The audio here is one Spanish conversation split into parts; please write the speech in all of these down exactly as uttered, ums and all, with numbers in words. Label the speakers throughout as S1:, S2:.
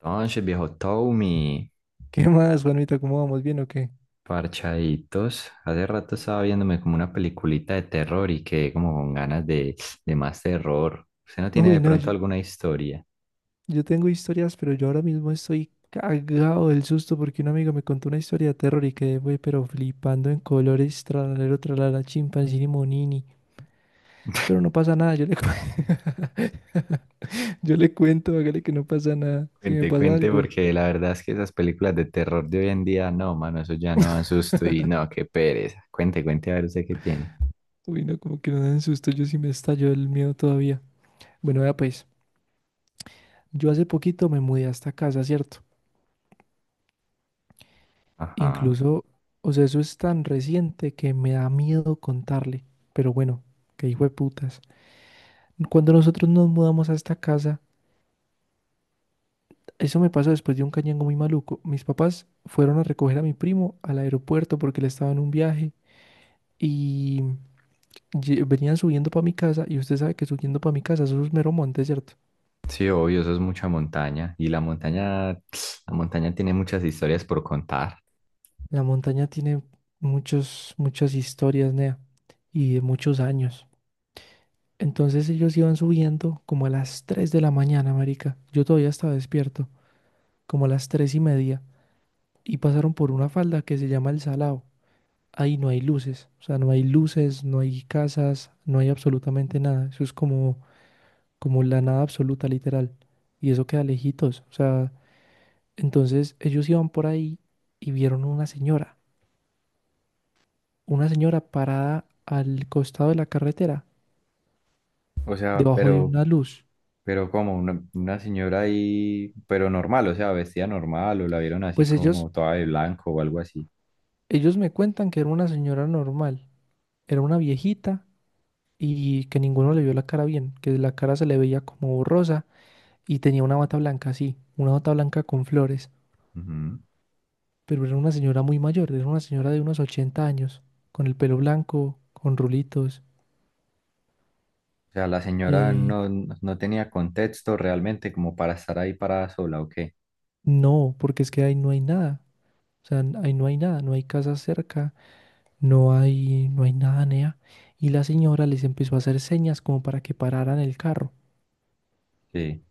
S1: Entonces, viejo Tommy,
S2: ¿Qué más, Juanita? ¿Cómo vamos? ¿Bien o qué?
S1: parchaditos. Hace rato estaba viéndome como una peliculita de terror y quedé como con ganas de, de más terror. ¿Usted no tiene
S2: Uy,
S1: de
S2: no,
S1: pronto
S2: yo,
S1: alguna historia?
S2: yo tengo historias, pero yo ahora mismo estoy cagado del susto porque un amigo me contó una historia de terror y quedé, güey, pero flipando en colores, tralalero, tralala, chimpancini, monini. Pero no pasa nada, yo le, cu- yo le cuento, hágale que no pasa nada. Si me
S1: Cuente,
S2: pasa
S1: cuente,
S2: algo.
S1: porque la verdad es que esas películas de terror de hoy en día, no, mano, eso ya no da susto y no, qué pereza. Cuente, cuente a ver usted qué tiene.
S2: Uy, no, como que no dan susto, yo sí me estallo el miedo todavía. Bueno, vea pues, yo hace poquito me mudé a esta casa, ¿cierto?
S1: Ajá.
S2: Incluso, o sea, eso es tan reciente que me da miedo contarle. Pero bueno, que hijo de putas. Cuando nosotros nos mudamos a esta casa, eso me pasó después de un cañango muy maluco. Mis papás fueron a recoger a mi primo al aeropuerto porque él estaba en un viaje y lle- venían subiendo para mi casa. Y usted sabe que subiendo para mi casa, eso es mero monte, ¿cierto?
S1: Sí, obvio, eso es mucha montaña. Y la montaña, la montaña tiene muchas historias por contar.
S2: La montaña tiene muchos, muchas historias, Nea, y de muchos años. Entonces ellos iban subiendo como a las tres de la mañana, marica. Yo todavía estaba despierto, como a las tres y media. Y pasaron por una falda que se llama El Salao. Ahí no hay luces, o sea, no hay luces, no hay casas, no hay absolutamente nada. Eso es como, como la nada absoluta, literal. Y eso queda lejitos, o sea, entonces ellos iban por ahí y vieron una señora, una señora parada al costado de la carretera,
S1: O sea,
S2: debajo de
S1: pero...
S2: una luz.
S1: Pero como una, una señora ahí, pero normal, o sea, vestida normal, o la vieron así
S2: Pues ellos,
S1: como toda de blanco o algo así.
S2: ellos me cuentan que era una señora normal. Era una viejita y que ninguno le vio la cara bien, que la cara se le veía como borrosa y tenía una bata blanca así, una bata blanca con flores,
S1: Ujú.
S2: pero era una señora muy mayor, era una señora de unos ochenta años, con el pelo blanco, con rulitos.
S1: O sea, la señora
S2: Eh,
S1: no, no no tenía contexto realmente como para estar ahí parada sola, ¿o qué?
S2: no, porque es que ahí no hay nada, o sea, n- ahí no hay nada, no hay casa cerca, no hay, no hay nada, nea. Y la señora les empezó a hacer señas como para que pararan el carro.
S1: Sí.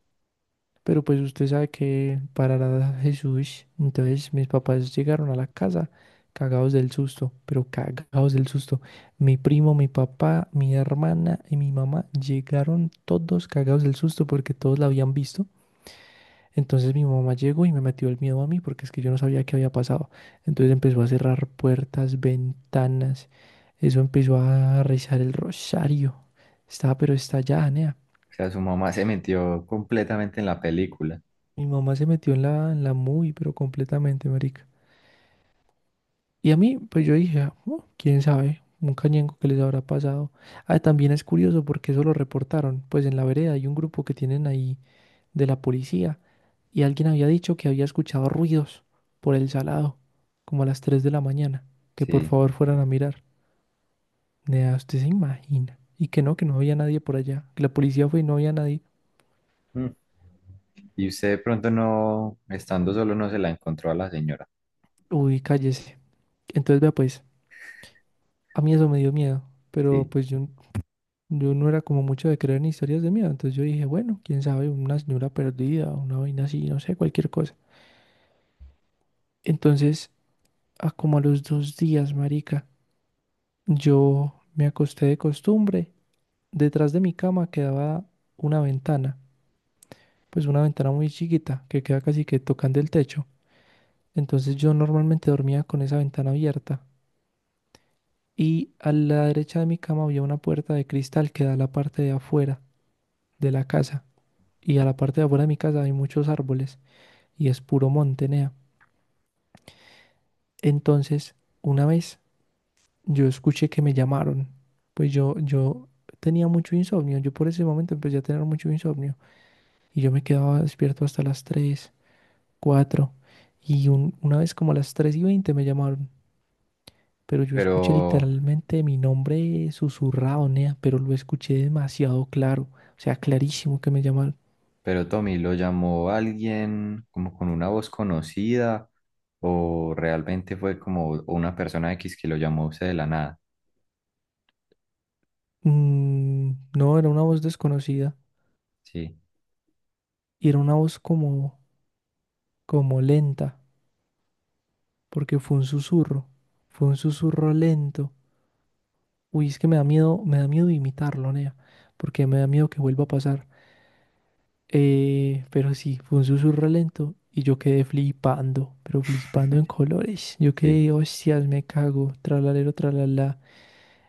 S2: Pero pues usted sabe que parará Jesús. Entonces mis papás llegaron a la casa cagados del susto, pero cagados del susto. Mi primo, mi papá, mi hermana y mi mamá llegaron todos cagados del susto porque todos la habían visto. Entonces mi mamá llegó y me metió el miedo a mí porque es que yo no sabía qué había pasado. Entonces empezó a cerrar puertas, ventanas. Eso empezó a rezar el rosario. Estaba pero estallada, nea.
S1: O sea, su mamá se metió completamente en la película.
S2: Mi mamá se metió en la, en la muy, pero completamente, marica. Y a mí, pues yo dije, "Ah, oh, quién sabe, un cañenco que les habrá pasado". Ah, también es curioso porque eso lo reportaron. Pues en la vereda hay un grupo que tienen ahí de la policía y alguien había dicho que había escuchado ruidos por el salado, como a las tres de la mañana, que por
S1: Sí.
S2: favor fueran a mirar. Nea, usted se imagina. Y que no, que no había nadie por allá, que la policía fue y no había nadie.
S1: Mm. Y usted de pronto no, estando solo, no se la encontró a la señora.
S2: Uy, cállese. Entonces, vea, pues, a mí eso me dio miedo, pero
S1: Sí.
S2: pues yo Yo no era como mucho de creer en historias de miedo, entonces yo dije, bueno, quién sabe, una señora perdida, una vaina así, no sé, cualquier cosa. Entonces, a como a los dos días, marica, yo me acosté de costumbre. Detrás de mi cama quedaba una ventana, pues una ventana muy chiquita que queda casi que tocando el techo. Entonces yo normalmente dormía con esa ventana abierta y a la derecha de mi cama había una puerta de cristal que da a la parte de afuera de la casa y a la parte de afuera de mi casa hay muchos árboles. Y es puro monte, nea. Entonces, una vez yo escuché que me llamaron, pues yo, yo tenía mucho insomnio, yo por ese momento empecé a tener mucho insomnio y yo me quedaba despierto hasta las tres cuatro y un- una vez como a las tres y veinte me llamaron, pero yo
S1: Pero...
S2: escuché literalmente mi nombre susurrado, nea, pero lo escuché demasiado claro, o sea, clarísimo que me llamaron.
S1: Pero Tommy, ¿lo llamó alguien como con una voz conocida o realmente fue como una persona X que lo llamó a usted de la nada?
S2: Mm, no, era una voz desconocida
S1: Sí,
S2: y era una voz como, como lenta. Porque fue un susurro, fue un susurro lento. Uy, es que me da miedo, me da miedo imitarlo, Nea, porque me da miedo que vuelva a pasar. Eh, pero sí, fue un susurro lento y yo quedé flipando, pero flipando en colores. Yo
S1: sí.
S2: quedé, hostias, me cago, tralalero, tralala.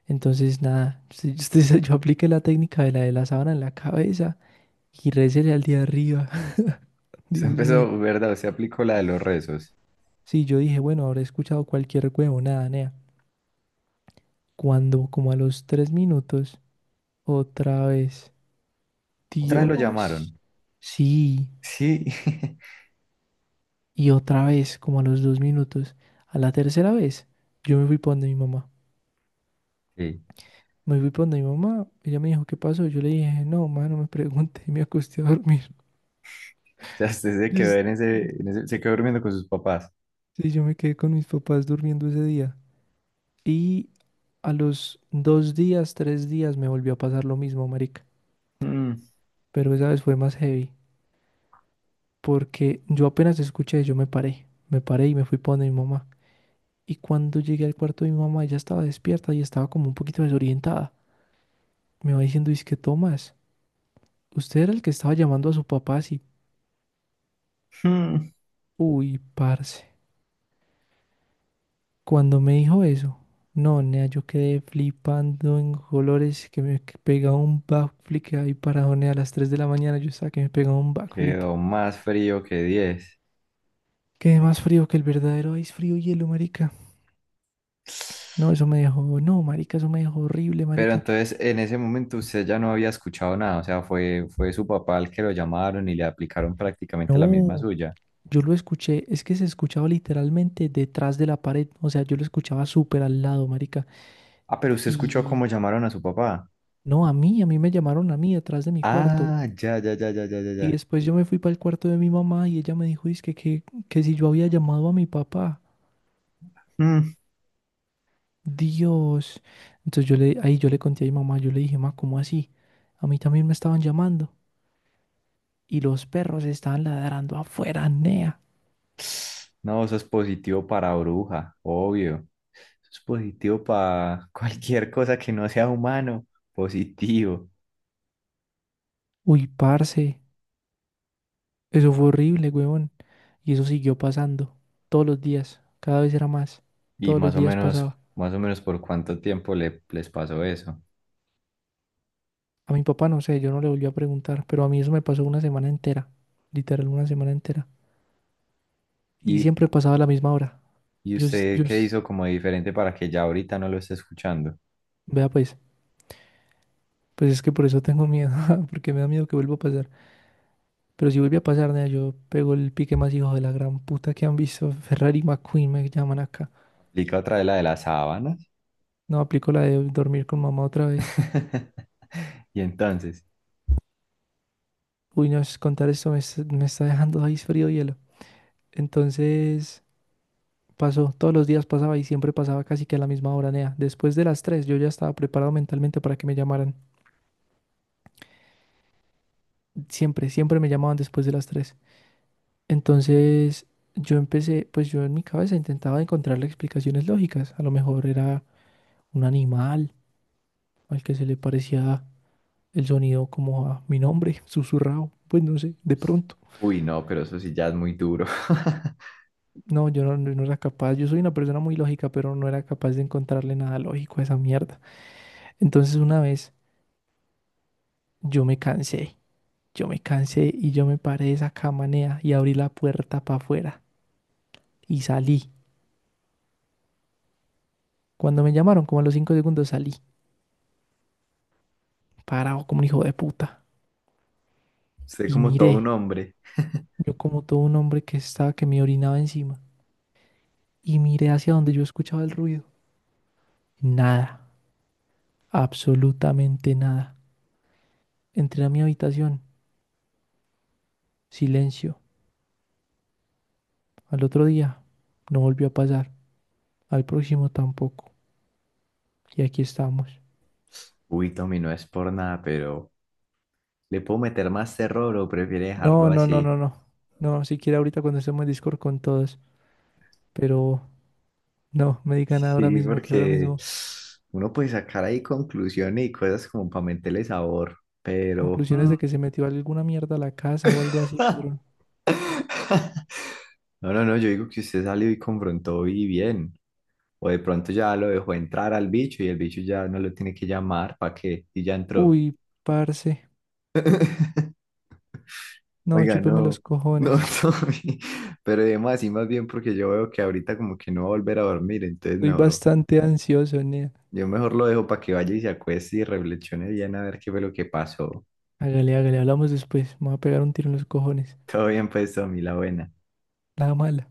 S2: Entonces, nada, sí, sí, yo apliqué la técnica de la de la sábana en la cabeza y récele al de arriba,
S1: Usted
S2: Dios mío.
S1: empezó, ¿verdad? Usted aplicó la de los rezos.
S2: Sí, yo dije, bueno, habré escuchado cualquier huevonada, nea. Cuando, como a los tres minutos. Otra vez.
S1: ¿Otra vez lo
S2: Dios.
S1: llamaron?
S2: Sí.
S1: Sí.
S2: Y otra vez, como a los dos minutos. A la tercera vez, yo me fui para donde mi mamá.
S1: Sí.
S2: Me fui para donde mi mamá. Ella me dijo, ¿qué pasó? Yo le dije, no, mamá, no me pregunte. Y me acosté a dormir.
S1: O sea, usted se
S2: Yo,
S1: quedó
S2: s-
S1: en ese, en ese- se quedó durmiendo con sus papás.
S2: sí, yo me quedé con mis papás durmiendo ese día. Y a los dos días, tres días, me volvió a pasar lo mismo, marica.
S1: Mm,
S2: Pero esa vez fue más heavy. Porque yo apenas escuché, yo me paré. Me paré y me fui para donde mi mamá. Y cuando llegué al cuarto de mi mamá, ella estaba despierta y estaba como un poquito desorientada. Me va diciendo, que Tomás, usted era el que estaba llamando a su papá así.
S1: mm.
S2: Uy, parce. Cuando me dijo eso, no, nea, yo quedé flipando en colores que me que pegaba un backflip ahí parado, nea a las tres de la mañana. Yo estaba que me pegaba un backflip.
S1: Quedó más frío que diez...
S2: Quedé más frío que el verdadero ice frío hielo, marica. No, eso me dejó, no, marica, eso me dejó horrible,
S1: Pero
S2: marica.
S1: entonces en ese momento usted ya no había escuchado nada, o sea, fue, fue su papá el que lo llamaron y le aplicaron prácticamente la misma
S2: No.
S1: suya.
S2: Yo lo escuché, es que se escuchaba literalmente detrás de la pared, o sea, yo lo escuchaba súper al lado, marica.
S1: Ah, pero usted escuchó
S2: Y
S1: cómo llamaron a su papá.
S2: no, a mí, a mí me llamaron a mí detrás de mi cuarto.
S1: Ah, ya, ya, ya, ya, ya, ya,
S2: Y
S1: ya.
S2: después yo me fui para el cuarto de mi mamá y ella me dijo, dizque que, que, si yo había llamado a mi papá,
S1: Mm.
S2: Dios. Entonces yo le, ahí yo le conté a mi mamá, yo le dije, ma, ¿cómo así? A mí también me estaban llamando. Y los perros estaban ladrando afuera, nea.
S1: No, eso es positivo para bruja, obvio. Eso es positivo para cualquier cosa que no sea humano, positivo.
S2: Uy, parce, eso fue horrible, güey. Y eso siguió pasando todos los días, cada vez era más,
S1: Y
S2: todos los
S1: más o
S2: días
S1: menos,
S2: pasaba.
S1: más o menos por cuánto tiempo le, les pasó eso.
S2: A mi papá no sé, yo no le volví a preguntar, pero a mí eso me pasó una semana entera, literal una semana entera. Y
S1: ¿Y
S2: siempre pasaba a la misma hora.
S1: y
S2: Yo, sí-
S1: usted
S2: yo,
S1: qué
S2: s-
S1: hizo como diferente para que ya ahorita no lo esté escuchando?
S2: vea pues, pues es que por eso tengo miedo, porque me da miedo que vuelva a pasar. Pero si vuelve a pasar, nea, yo pego el pique más hijo de la gran puta que han visto. Ferrari McQueen me llaman acá.
S1: Explica otra vez la de las sábanas.
S2: No, aplico la de dormir con mamá otra vez.
S1: Y entonces,
S2: Uy, no, es- contar esto me, es- me está dejando ahí frío hielo. Entonces... Pasó, todos los días pasaba y siempre pasaba casi que a la misma hora, Nea. Después de las tres yo ya estaba preparado mentalmente para que me llamaran. Siempre, siempre me llamaban después de las tres. Entonces yo empecé, pues yo en mi cabeza intentaba encontrarle explicaciones lógicas. A lo mejor era un animal al que se le parecía el sonido como a mi nombre, susurrado. Pues no sé, de pronto.
S1: uy, no, pero eso sí ya es muy duro.
S2: No, yo no, no no era capaz. Yo soy una persona muy lógica, pero no era capaz de encontrarle nada lógico a esa mierda. Entonces una vez yo me cansé. Yo me cansé y yo me paré de esa cama, y abrí la puerta para afuera y salí. Cuando me llamaron, como a los cinco segundos salí, parado como un hijo de puta.
S1: Usted
S2: Y
S1: como todo un
S2: miré,
S1: hombre.
S2: yo como todo un hombre que estaba, que me orinaba encima. Y miré hacia donde yo escuchaba el ruido. Nada, absolutamente nada. Entré a mi habitación, silencio. Al otro día no volvió a pasar, al próximo tampoco. Y aquí estamos.
S1: Uy, Tommy, no es por nada, pero ¿le puedo meter más terror o prefiere
S2: No,
S1: dejarlo
S2: no, no,
S1: así?
S2: no, no. No, siquiera ahorita cuando estemos en Discord con todos, pero no, me digan ahora
S1: Sí,
S2: mismo que ahora
S1: porque
S2: mismo,
S1: uno puede sacar ahí conclusiones y cosas como para meterle sabor, pero...
S2: conclusiones
S1: mm,
S2: de que se metió alguna mierda a la casa o algo así, pero...
S1: No, no, no, yo digo que usted salió y confrontó y bien. O de pronto ya lo dejó entrar al bicho y el bicho ya no lo tiene que llamar para que... y ya entró.
S2: Uy, parce. No,
S1: Oiga,
S2: chúpeme los
S1: no, no,
S2: cojones.
S1: Tommy, pero además así más bien porque yo veo que ahorita como que no va a volver a dormir, entonces
S2: Estoy
S1: mejor,
S2: bastante ansioso, nea.
S1: yo mejor lo dejo para que vaya y se acueste y reflexione bien a ver qué fue lo que pasó.
S2: Hágale, hágale, hablamos después. Me voy a pegar un tiro en los cojones.
S1: Todo bien pues, Tommy, la buena.
S2: La mala.